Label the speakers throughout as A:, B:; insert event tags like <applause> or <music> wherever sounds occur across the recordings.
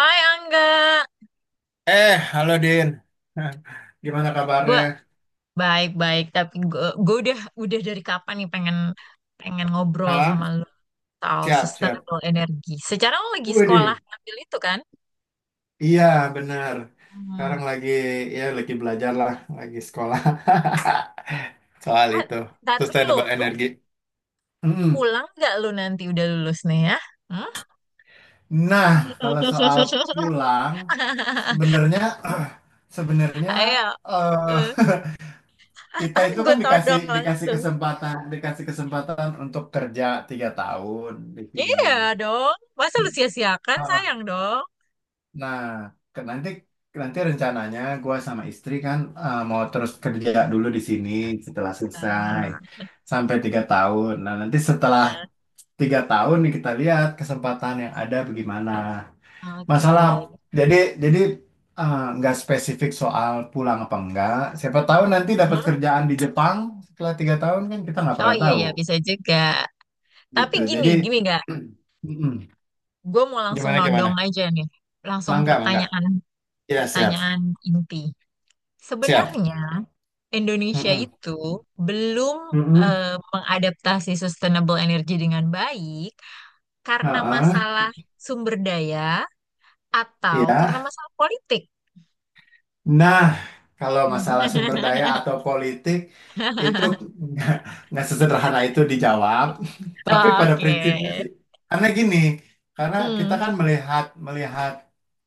A: Hai Angga,
B: Halo Din. <laughs> Hah, gimana
A: gue
B: kabarnya?
A: baik-baik tapi gue udah dari kapan nih pengen pengen ngobrol
B: Hah?
A: sama lu soal
B: Siap, siap.
A: sustainable energy. Secara lo lagi sekolah
B: Widih.
A: ngambil itu kan?
B: Iya, benar. Sekarang
A: Hmm.
B: lagi ya lagi belajar lah, lagi sekolah. <laughs> Soal
A: Ah,
B: itu,
A: ntar dulu,
B: sustainable
A: lu
B: energy. Mm.
A: pulang nggak lu nanti udah lulus nih ya? Hmm?
B: Nah, kalau soal pulang,
A: <laughs>
B: sebenarnya <clears throat> sebenarnya
A: Ayo,
B: eh kita itu
A: gue
B: kan
A: <laughs>
B: dikasih
A: todong langsung.
B: dikasih kesempatan untuk kerja 3 tahun di sini.
A: Iya dong, masa lu
B: <clears throat>
A: sia-siakan
B: Eh,
A: sayang dong.
B: Nah, nanti nanti rencananya gue sama istri kan mau terus kerja dulu di sini setelah selesai
A: Ah,
B: sampai 3 tahun. Nah, nanti setelah 3 tahun nih kita lihat kesempatan yang ada bagaimana.
A: oke.
B: Masalah jadi jadi nggak spesifik soal pulang apa enggak. Siapa tahu nanti dapat
A: Hmm.
B: kerjaan di Jepang setelah 3 tahun kan kita nggak
A: Oh
B: pernah
A: iya
B: tahu
A: ya bisa juga. Tapi
B: gitu.
A: gini,
B: Jadi
A: gini nggak?
B: <clears throat> mm-mm.
A: Gue mau langsung
B: Gimana
A: nodong
B: gimana?
A: aja nih. Langsung
B: Mangga mangga.
A: pertanyaan,
B: Ya siap
A: pertanyaan inti.
B: siap.
A: Sebenarnya Indonesia
B: Mm-mm.
A: itu belum
B: Mm-mm.
A: eh, mengadaptasi sustainable energy dengan baik karena
B: Heeh,
A: masalah sumber daya atau karena
B: ya.
A: masalah politik.
B: Nah, kalau masalah sumber daya
A: <laughs>
B: atau politik itu nggak nggak sesederhana itu dijawab. <laughs> Tapi pada
A: Oke.
B: prinsipnya sih, karena gini, karena kita
A: Hmm.
B: kan melihat melihat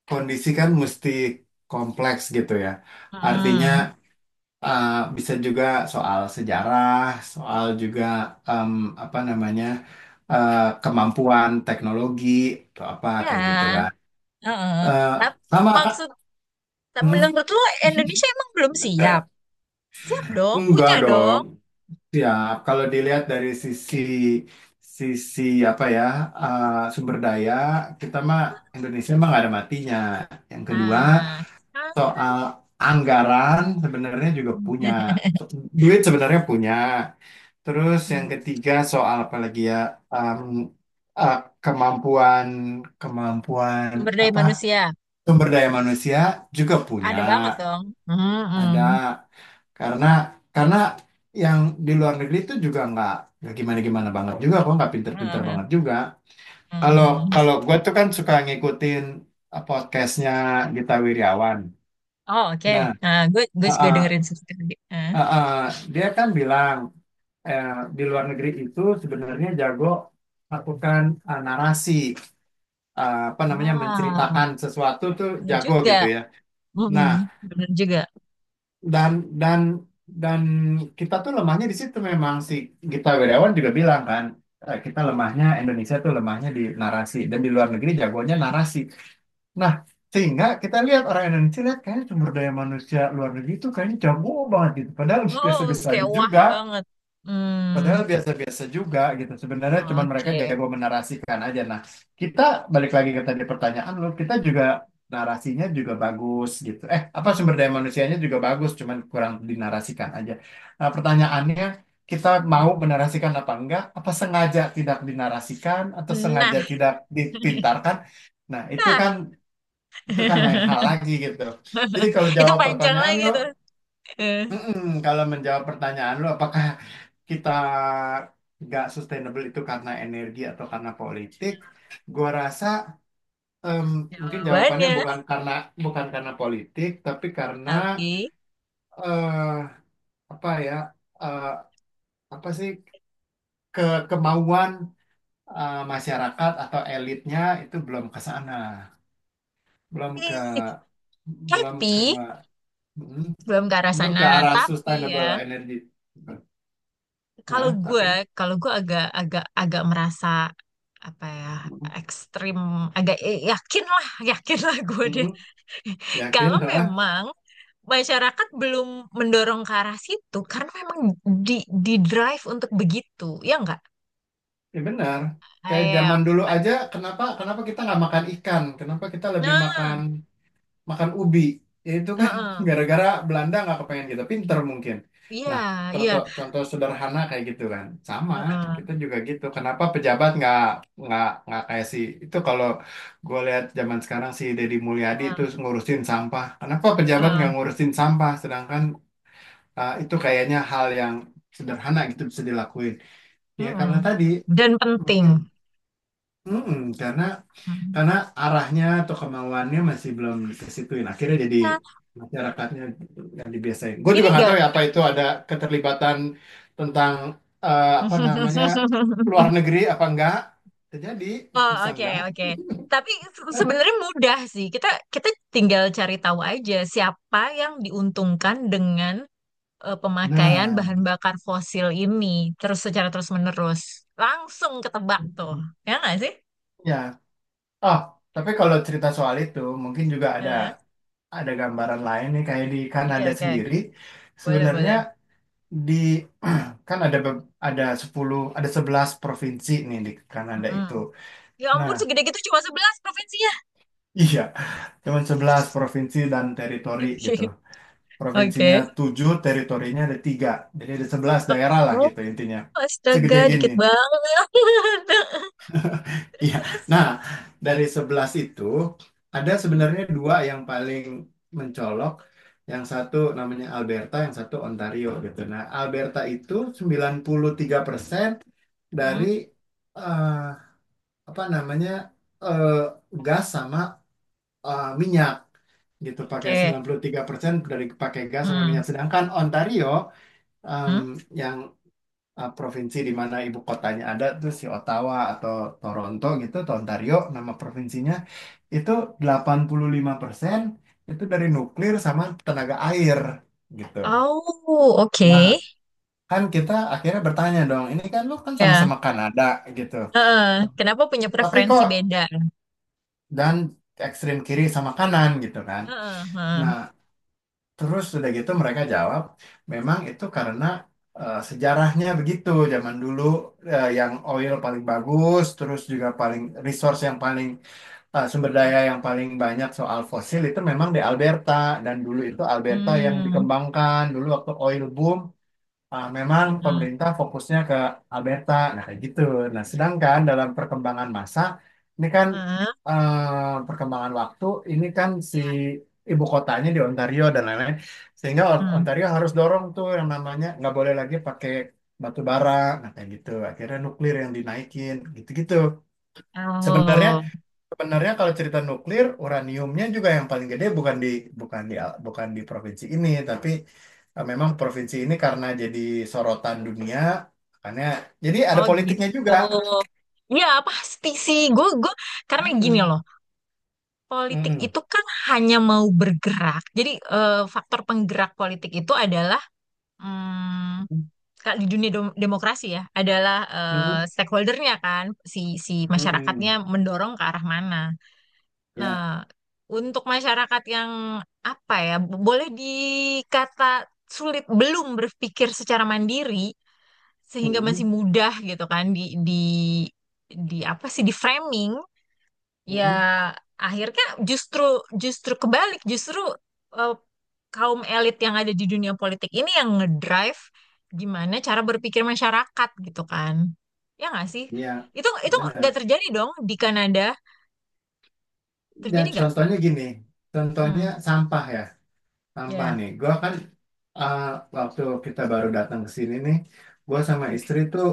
B: kondisi kan mesti kompleks gitu ya. Artinya
A: Hmm.
B: eh, bisa juga soal sejarah, soal juga em, apa namanya eh, kemampuan teknologi atau apa kayak gitu
A: Ya.
B: kan.
A: Heeh.
B: Eh,
A: Tapi
B: sama Kak.
A: maksud
B: Hmm,
A: menurut lo Indonesia emang belum siap? Siap dong,
B: enggak
A: punya
B: dong.
A: dong.
B: Siap. Kalau dilihat dari sisi sisi apa ya uh, sumber daya kita mah Indonesia mah nggak ada matinya. Yang kedua
A: Nah, kan
B: soal anggaran sebenarnya juga punya So- duit sebenarnya punya. Terus yang
A: hmm,
B: ketiga soal apa lagi ya um, uh, kemampuan kemampuan
A: sumber daya
B: apa
A: manusia
B: sumber daya manusia juga punya.
A: ada banget dong. Hmm, hmm,
B: Ada karena karena yang di luar negeri itu juga nggak gimana-gimana banget juga kok nggak pinter-pinter banget juga. Kalau
A: hmm.
B: kalau gue tuh kan suka ngikutin podcastnya Gita Wirjawan.
A: Oh, oke.
B: Nah,
A: Nah, gue
B: eh,
A: juga
B: eh,
A: dengerin satu tadi. Ah,
B: eh, eh, dia kan bilang eh, di luar negeri itu sebenarnya jago lakukan narasi apa namanya
A: ah,
B: menceritakan sesuatu tuh
A: ya
B: jago
A: juga.
B: gitu ya.
A: Hmm,
B: Nah,
A: bener juga.
B: dan dan dan kita tuh lemahnya di situ memang si Gita Wirjawan juga bilang kan kita lemahnya Indonesia tuh lemahnya di narasi dan di luar negeri jagonya
A: Hmm.
B: narasi. Nah, sehingga kita lihat orang Indonesia lihat kayaknya sumber daya manusia luar negeri itu kayaknya jago banget gitu. Padahal
A: Oh,
B: biasa-biasa aja
A: kayak wah
B: juga
A: banget.
B: padahal
A: Hmm,
B: biasa-biasa juga gitu. Sebenarnya cuman mereka
A: oke.
B: jago menarasikan aja. Nah, kita balik lagi ke tadi pertanyaan lu, kita juga narasinya juga bagus gitu. Eh, apa
A: Hmm,
B: sumber daya manusianya juga bagus, cuman kurang dinarasikan aja. Nah, pertanyaannya kita mau menarasikan apa enggak? Apa sengaja tidak dinarasikan atau
A: hmm. Nah,
B: sengaja tidak dipintarkan? Nah, itu
A: nah.
B: kan itu kan lain hal
A: <laughs>
B: lagi gitu. Jadi kalau
A: Itu
B: jawab
A: panjang
B: pertanyaan
A: lagi
B: lu,
A: tuh. Eh,
B: mm-mm. Kalau menjawab pertanyaan lu, apakah kita nggak sustainable itu karena energi atau karena politik, gua rasa em, mungkin jawabannya
A: Jawabannya,
B: bukan karena politik, tapi karena
A: tapi,
B: eh, apa ya eh, apa sih ke kemauan masyarakat atau elitnya itu belum ke sana, belum ke
A: eh,
B: belum ke
A: tapi
B: mm,
A: belum ke arah
B: belum
A: sana
B: ke arah
A: tapi ya
B: sustainable energy.
A: kalau
B: Nah,
A: gue
B: tapi
A: kalau gue agak agak agak merasa apa ya
B: mm,
A: ekstrim agak yakin lah <laughs> yakin lah gue deh
B: mm,
A: <laughs> kalau
B: yakin? <laughs>
A: memang masyarakat belum mendorong ke arah situ karena memang di di drive untuk begitu ya enggak
B: Ya benar. Kayak
A: ayo
B: zaman dulu aja, kenapa kenapa kita nggak makan ikan? Kenapa kita lebih makan
A: nah
B: makan ubi? Ya itu kan
A: heeh.
B: <laughs> gara-gara Belanda nggak kepengen kita pinter mungkin.
A: Iya
B: Nah,
A: iya
B: contoh contoh sederhana kayak gitu kan. Sama,
A: heeh,
B: kita juga gitu. Kenapa pejabat nggak nggak kayak si itu kalau gue lihat zaman sekarang si Deddy Mulyadi
A: heeh,
B: itu ngurusin sampah. Kenapa pejabat
A: heeh,
B: nggak ngurusin sampah? Sedangkan itu kayaknya hal yang sederhana gitu bisa dilakuin. Ya
A: heeh.
B: karena tadi
A: Dan penting.
B: mungkin mm-mm,
A: Hmm.
B: karena arahnya atau kemauannya masih belum kesituin. Akhirnya jadi
A: Nah,
B: masyarakatnya yang dibiasain. Gue
A: ini
B: juga nggak tahu
A: enggak.
B: ya apa itu ada keterlibatan tentang apa namanya luar
A: <laughs>
B: negeri apa enggak. Terjadi
A: Oh,
B: bisa
A: oke,
B: enggak.
A: oke. Tapi sebenarnya mudah sih. Kita kita tinggal cari tahu aja siapa yang diuntungkan dengan pemakaian
B: Nah,
A: bahan bakar fosil ini terus secara terus-menerus. Langsung ketebak tuh. Ya nggak sih?
B: ya. Oh, tapi kalau cerita soal itu mungkin juga
A: Eh,
B: ada gambaran lain nih kayak di
A: Oke,
B: Kanada
A: oke.
B: sendiri
A: Boleh,
B: sebenarnya
A: boleh.
B: di <clears throat> kan ada ada 10 ada 11 provinsi nih di Kanada itu.
A: Mm-mm. Ya
B: Nah,
A: ampun, segede gitu cuma sebelas provinsinya.
B: <laughs> iya, cuman 11 provinsi dan teritori gitu.
A: <laughs> Oke.
B: Provinsinya
A: Oke.
B: 7 teritorinya ada 3. Jadi ada 11 daerah lah
A: Oh,
B: gitu intinya. Segede
A: astaga,
B: gini.
A: dikit
B: <laughs>
A: banget. <laughs> Terus,
B: Iya.
A: terus.
B: Nah, dari 11 itu ada
A: Hmm.
B: sebenarnya 2 yang paling mencolok. Yang satu namanya Alberta, yang satu Ontario gitu. Nah, Alberta itu 93% dari
A: Hmm.
B: eh, apa namanya eh, gas sama minyak gitu pakai
A: Oke.
B: 93% dari pakai gas sama
A: Hmm.
B: minyak, sedangkan Ontario em,
A: Hmm.
B: yang provinsi di mana ibu kotanya ada tuh si Ottawa atau Toronto gitu atau Ontario nama provinsinya itu 85% itu dari nuklir sama tenaga air gitu.
A: Oh,
B: Nah,
A: oke.
B: kan kita akhirnya bertanya dong, ini kan lu kan
A: Ya.
B: sama-sama Kanada gitu.
A: Heeh. Kenapa punya
B: Tapi
A: preferensi
B: kok
A: beda?
B: dan ekstrem kiri sama kanan gitu kan.
A: Heeh, heeh,
B: Nah, terus sudah gitu mereka jawab, memang itu karena sejarahnya begitu. Zaman dulu yang oil paling bagus, terus juga paling resource yang paling sumber
A: heeh.
B: daya yang paling banyak soal fosil itu memang di Alberta dan dulu itu Alberta yang
A: Hmm,
B: dikembangkan dulu waktu oil boom. Ah, memang
A: heeh,
B: pemerintah fokusnya ke Alberta, nah kayak gitu. Nah, sedangkan dalam perkembangan masa, ini kan
A: heeh,
B: perkembangan waktu, ini kan si
A: ya.
B: ibu kotanya di Ontario dan lain-lain, sehingga
A: Hmm.
B: Ontario harus dorong tuh yang namanya nggak boleh lagi pakai batu bara, nah kayak gitu. Akhirnya nuklir yang dinaikin, gitu-gitu. Sebenarnya
A: Oh,
B: Sebenarnya kalau cerita nuklir, uraniumnya juga yang paling gede bukan di bukan di provinsi ini, tapi memang provinsi ini karena jadi sorotan dunia, makanya jadi ada
A: oh gitu.
B: politiknya juga.
A: Ya, pasti sih. Gue karena gini
B: Mm-mm.
A: loh. Politik
B: Mm-mm.
A: itu kan hanya mau bergerak. Jadi faktor penggerak politik itu adalah hmm, kalau di dunia demokrasi ya, adalah
B: Mm-mm.
A: stakeholdernya kan, si si
B: Mm-mm.
A: masyarakatnya mendorong ke arah mana.
B: Ya,
A: Nah, untuk masyarakat yang apa ya, boleh dikata sulit belum berpikir secara mandiri sehingga masih
B: mm-mm.
A: mudah gitu kan di di apa sih di framing ya
B: Mm-mm.
A: akhirnya justru justru kebalik justru eh, kaum elit yang ada di dunia politik ini yang ngedrive gimana cara berpikir masyarakat gitu kan. Ya nggak sih?
B: Ya,
A: Itu nggak
B: benar.
A: terjadi dong di Kanada.
B: Dan
A: Terjadi nggak?
B: contohnya gini, contohnya
A: Hmm,
B: sampah ya, sampah
A: ya.
B: nih. Gua kan ah, waktu kita baru datang ke sini nih, gue sama istri tuh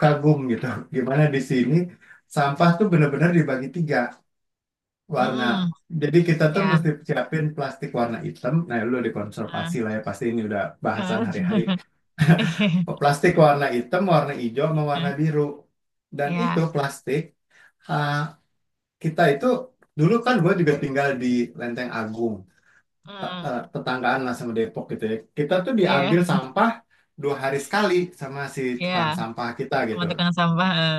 B: kagum gitu. <laughs> Gimana di sini sampah tuh bener-bener dibagi 3 warna.
A: Mm-mm.
B: Jadi kita tuh
A: Ya.
B: mesti siapin plastik warna hitam. Nah, lu
A: eh,
B: dikonservasi lah ya pasti ini udah bahasan hari-hari.
A: eh,
B: <laughs>
A: <laughs>
B: Plastik warna hitam, warna hijau, sama warna biru. Dan itu
A: Ya.
B: plastik ah, kita itu dulu kan gue juga tinggal di Lenteng Agung
A: Mm.
B: tetanggaan lah sama Depok gitu ya. Kita tuh
A: Iya.
B: diambil sampah 2 hari sekali sama si
A: Iya.
B: tukang sampah kita
A: Itu
B: gitu.
A: teman tukang sampah. Eh.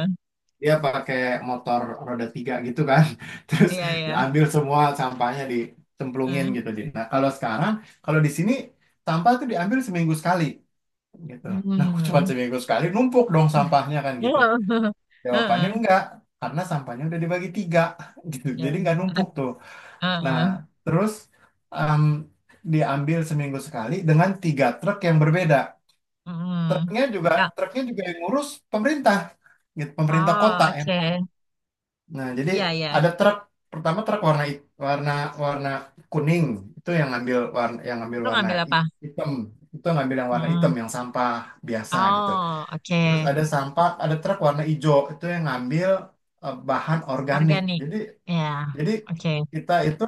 B: Dia pakai motor roda 3 gitu kan. <laughs> Terus
A: Iya, iya.
B: diambil semua sampahnya dicemplungin
A: eh.
B: gitu. Di. Nah kalau sekarang, kalau di sini sampah tuh diambil seminggu sekali gitu. Nah <laughs> aku cuma
A: Mm. <laughs>
B: seminggu sekali numpuk dong sampahnya kan gitu. Jawabannya
A: Heeh.
B: enggak, karena sampahnya udah dibagi 3 <laughs> gitu. Jadi
A: Ya.
B: nggak numpuk tuh. Nah,
A: Heeh.
B: terus em, diambil seminggu sekali dengan 3 truk yang berbeda.
A: Mm.
B: Truknya juga
A: Ya.
B: truknya juga yang ngurus pemerintah, gitu, pemerintah
A: Oh,
B: kota yang.
A: oke.
B: Nah, jadi
A: Iya, iya.
B: ada truk pertama truk warna hit- warna warna kuning itu yang ngambil
A: Lu
B: warna
A: ngambil apa?
B: hitam itu ngambil yang warna hitam
A: Mm.
B: yang sampah biasa gitu.
A: Oh,
B: Terus
A: oke.
B: ada sampah ada truk warna hijau itu yang ngambil bahan organik.
A: Organik. Ya.
B: Jadi
A: Oke.
B: kita itu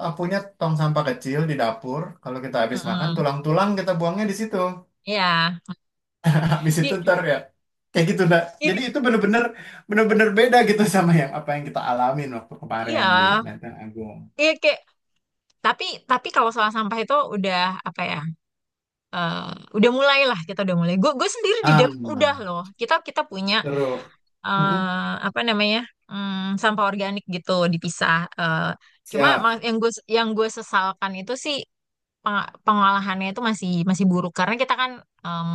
B: punya tong sampah kecil di dapur. Kalau kita habis makan,
A: Mm-mm.
B: tulang-tulang kita buangnya di situ.
A: Iya.
B: <laughs> Habis itu
A: Di
B: ntar ya kayak gitu dah.
A: ini
B: Jadi itu bener-bener beda gitu <laughs> sama yang apa yang kita alamin waktu kemarin di
A: iya.
B: Lenteng Agung.
A: Iya kayak tapi tapi kalau salah sampah itu udah apa ya eh, udah mulai lah kita udah mulai gue sendiri di
B: Ah,
A: Depok udah loh kita kita punya
B: seru. Mm-mm.
A: apa namanya sampah organik gitu dipisah. Eh, Cuma
B: Siap,
A: yang gue sesalkan itu sih pengolahannya itu masih masih buruk karena kita kan em,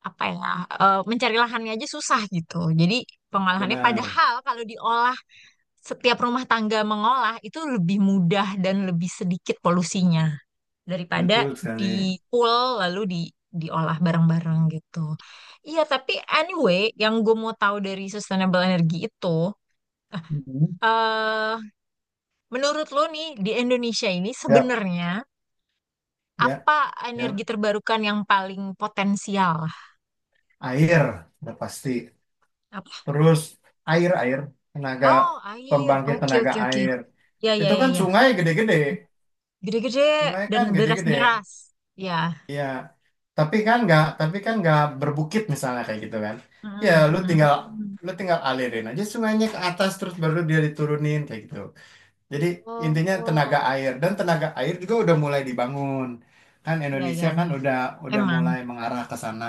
A: apa ya mencari lahannya aja susah gitu jadi pengolahannya
B: benar,
A: padahal kalau diolah setiap rumah tangga mengolah itu lebih mudah dan lebih sedikit polusinya
B: betul
A: daripada
B: sekali.
A: di pool lalu diolah bareng-bareng gitu. Iya, tapi anyway, yang gue mau tahu dari sustainable energy itu,
B: Mhm.
A: eh menurut lo nih di Indonesia ini
B: Siap,
A: sebenarnya
B: ya,
A: apa energi
B: ya.
A: terbarukan yang paling potensial?
B: Air, udah pasti.
A: Apa?
B: Terus air-air, tenaga
A: Oh, air.
B: pembangkit
A: Oke,
B: tenaga
A: oke, oke.
B: air.
A: Ya, ya,
B: Itu
A: ya,
B: kan
A: ya.
B: sungai gede-gede.
A: Gede-gede
B: Sungai
A: dan
B: kan gede-gede.
A: deras-deras. Ya.
B: Ya, tapi kan nggak berbukit misalnya kayak gitu kan. Ya,
A: Mm,
B: lu tinggal
A: mm.
B: lu tinggal alirin aja sungainya ke atas terus baru dia diturunin kayak gitu. Jadi intinya tenaga
A: Oh,
B: air dan tenaga air juga udah mulai dibangun. Kan
A: ya,
B: Indonesia
A: ya,
B: kan
A: ya.
B: udah
A: Emang.
B: mulai mengarah ke sana.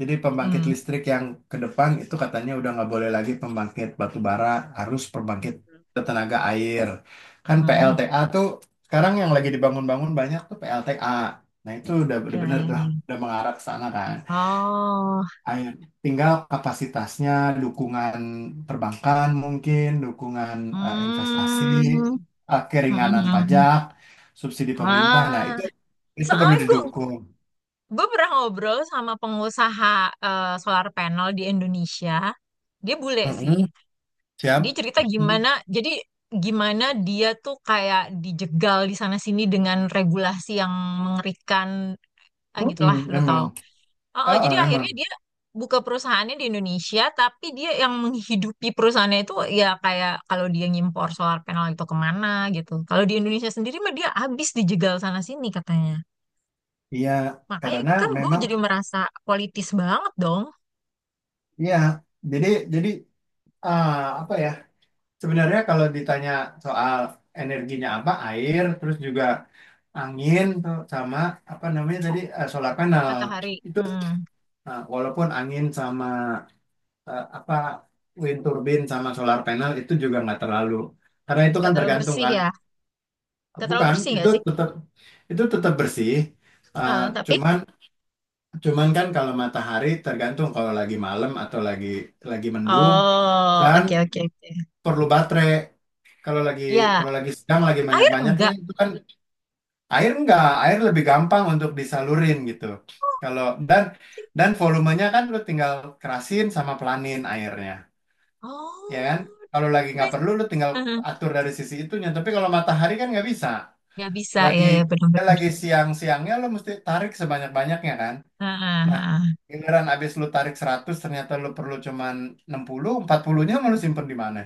B: Jadi pembangkit listrik yang ke depan itu katanya udah nggak boleh lagi pembangkit batu bara, harus
A: Mm.
B: pembangkit tenaga air. Kan
A: Hmm,
B: PLTA tuh sekarang yang lagi dibangun-bangun banyak tuh PLTA. Nah itu udah
A: ya,
B: bener
A: ya,
B: tuh,
A: ya.
B: udah mengarah ke sana kan
A: Oh,
B: air. Tinggal kapasitasnya, dukungan perbankan mungkin, dukungan investasi,
A: hmm,
B: keringanan
A: hmm.
B: pajak, subsidi pemerintah. Nah,
A: Ah,
B: itu perlu
A: soalnya gue
B: didukung.
A: gue pernah ngobrol sama pengusaha solar panel di Indonesia. Dia bule sih.
B: Mm-mm, siap.
A: Dia cerita
B: Mm.
A: gimana, jadi gimana dia tuh kayak dijegal di sana sini dengan regulasi yang mengerikan, ah,
B: Mm-mm,
A: gitulah, lu
B: emang.
A: tahu. Oh, oh,
B: Ah, ah,
A: jadi
B: emang.
A: akhirnya dia buka perusahaannya di Indonesia, tapi dia yang menghidupi perusahaannya itu ya kayak kalau dia ngimpor solar panel itu kemana gitu. Kalau di Indonesia sendiri mah dia habis dijegal sana sini katanya.
B: Iya,
A: Makanya
B: karena
A: kan gue
B: memang
A: jadi merasa politis banget dong
B: iya. Jadi jadi ah, apa ya? Sebenarnya kalau ditanya soal energinya apa, air, terus juga angin tuh sama apa namanya tadi solar panel
A: matahari.
B: itu.
A: Hmm,
B: Nah, walaupun angin sama apa wind turbine sama solar panel itu juga nggak terlalu karena itu
A: gak
B: kan
A: terlalu
B: tergantung
A: bersih
B: kan
A: ya. Gak terlalu
B: bukan
A: bersih
B: itu
A: gak sih?
B: tetap itu tetap bersih. Eh,
A: Heeh, tapi
B: cuman cuman kan kalau matahari tergantung kalau lagi malam atau lagi mendung
A: oh
B: dan
A: oke oke oke.
B: perlu baterai kalau lagi
A: Ya
B: kalau lagi sedang lagi
A: air
B: banyak-banyaknya
A: enggak.
B: itu kan air enggak, air lebih gampang untuk disalurin gitu
A: Oh,
B: kalau dan
A: oke.
B: dan volumenya kan lu tinggal kerasin sama pelanin airnya ya kan?
A: Oh,
B: Kalau lagi nggak
A: nice.
B: perlu, lu tinggal
A: Heeh.
B: atur dari sisi itunya. Tapi kalau matahari kan nggak bisa.
A: Bisa
B: Lagi
A: ya ya
B: ya
A: benar-benar.
B: lagi siang-siangnya lu mesti tarik sebanyak-banyaknya kan?
A: Heeh,
B: Nah,
A: heeh.
B: giliran abis lu tarik 100 ternyata lu perlu cuman 60, 40-nya mau lu simpen di mana?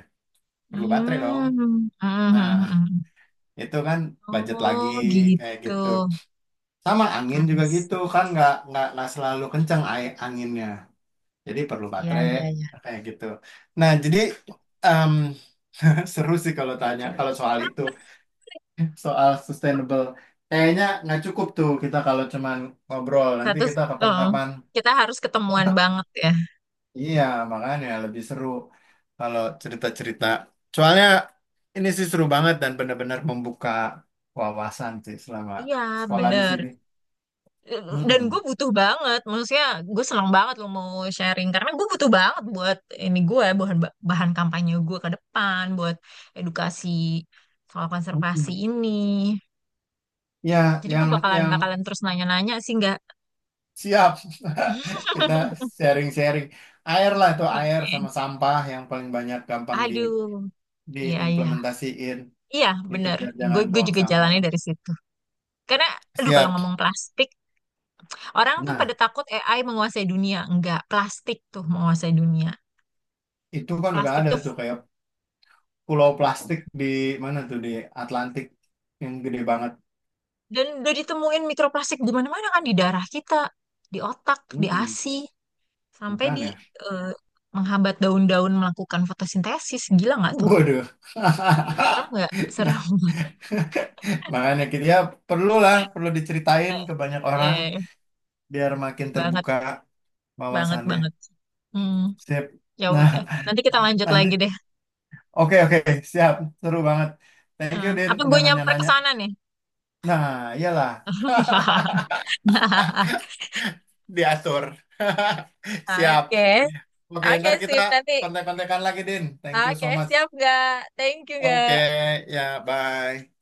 B: Perlu baterai dong.
A: Hmm, <laughs> hmm, hmm, hmm.
B: Itu kan budget lagi
A: Oh
B: kayak
A: gitu.
B: gitu. Sama angin
A: I
B: juga gitu kan nggak nggak selalu kencang anginnya. Jadi perlu
A: Ya,
B: baterai
A: ya, ya.
B: kayak gitu. Nah, jadi em, <laughs> seru sih kalau tanya kalau soal itu, soal sustainable. Kayaknya nggak cukup tuh kita kalau cuman ngobrol. Nanti
A: Satu,
B: kita
A: eh,
B: kapan-kapan.
A: Kita harus ketemuan banget ya.
B: Iya, makanya lebih seru kalau cerita-cerita. Soalnya ini sih seru banget dan benar-benar membuka wawasan sih selama
A: Iya,
B: sekolah di
A: bener.
B: sini.
A: Dan gue
B: Mm-mm.
A: butuh banget, maksudnya gue senang banget lo mau sharing karena gue butuh banget buat ini gue bahan bahan kampanye gue ke depan buat edukasi soal konservasi
B: Mm-mm.
A: ini.
B: Ya,
A: Jadi gue
B: yang
A: bakalan
B: yang
A: bakalan terus nanya-nanya sih nggak?
B: siap <laughs> kita
A: <laughs>
B: sharing-sharing. Air lah tuh air
A: Oke.
B: sama sampah yang paling banyak gampang di
A: Aduh, iya iya.
B: diimplementasiin
A: Iya,
B: gitu
A: bener.
B: biar
A: Gue
B: jangan
A: gue
B: buang
A: juga
B: sampah.
A: jalannya dari situ. Karena, aduh kalau
B: Siap.
A: ngomong plastik, orang tuh pada
B: Nah,
A: takut AI menguasai dunia. Enggak, plastik tuh menguasai dunia.
B: itu kan udah
A: Plastik
B: ada
A: tuh,
B: tuh kayak pulau plastik di mana tuh di Atlantik yang gede banget.
A: dan udah ditemuin mikroplastik di mana-mana kan, di darah kita, di otak, di
B: Mm-mm,
A: ASI, sampai di
B: makanya,
A: eh, menghambat daun-daun melakukan fotosintesis. Gila nggak tuh?
B: waduh.
A: Serem
B: <laughs>
A: nggak?
B: Nah,
A: Serem. <laughs>
B: <laughs> makanya kita ya perlulah perlu diceritain ke banyak orang
A: Eh,
B: biar makin
A: Banget,
B: terbuka
A: banget,
B: wawasannya.
A: banget. Hmm,
B: Sip.
A: ya
B: Nah,
A: udah. Nanti kita
B: <laughs>
A: lanjut
B: nanti.
A: lagi deh.
B: Oke, oke, siap. Seru banget. Thank you, Din,
A: Apa gue
B: udah
A: nyamper ke
B: nanya-nanya.
A: sana nih?
B: Nah, iyalah.
A: <laughs> <laughs>
B: Diatur. <laughs> Siap.
A: Oke,
B: Oke,
A: oke
B: ntar kita
A: sip nanti.
B: kontek-kontekan lagi, Din. Thank you so
A: Oke,
B: much.
A: siap nggak? Thank you
B: Oke,
A: nggak?
B: ya, bye.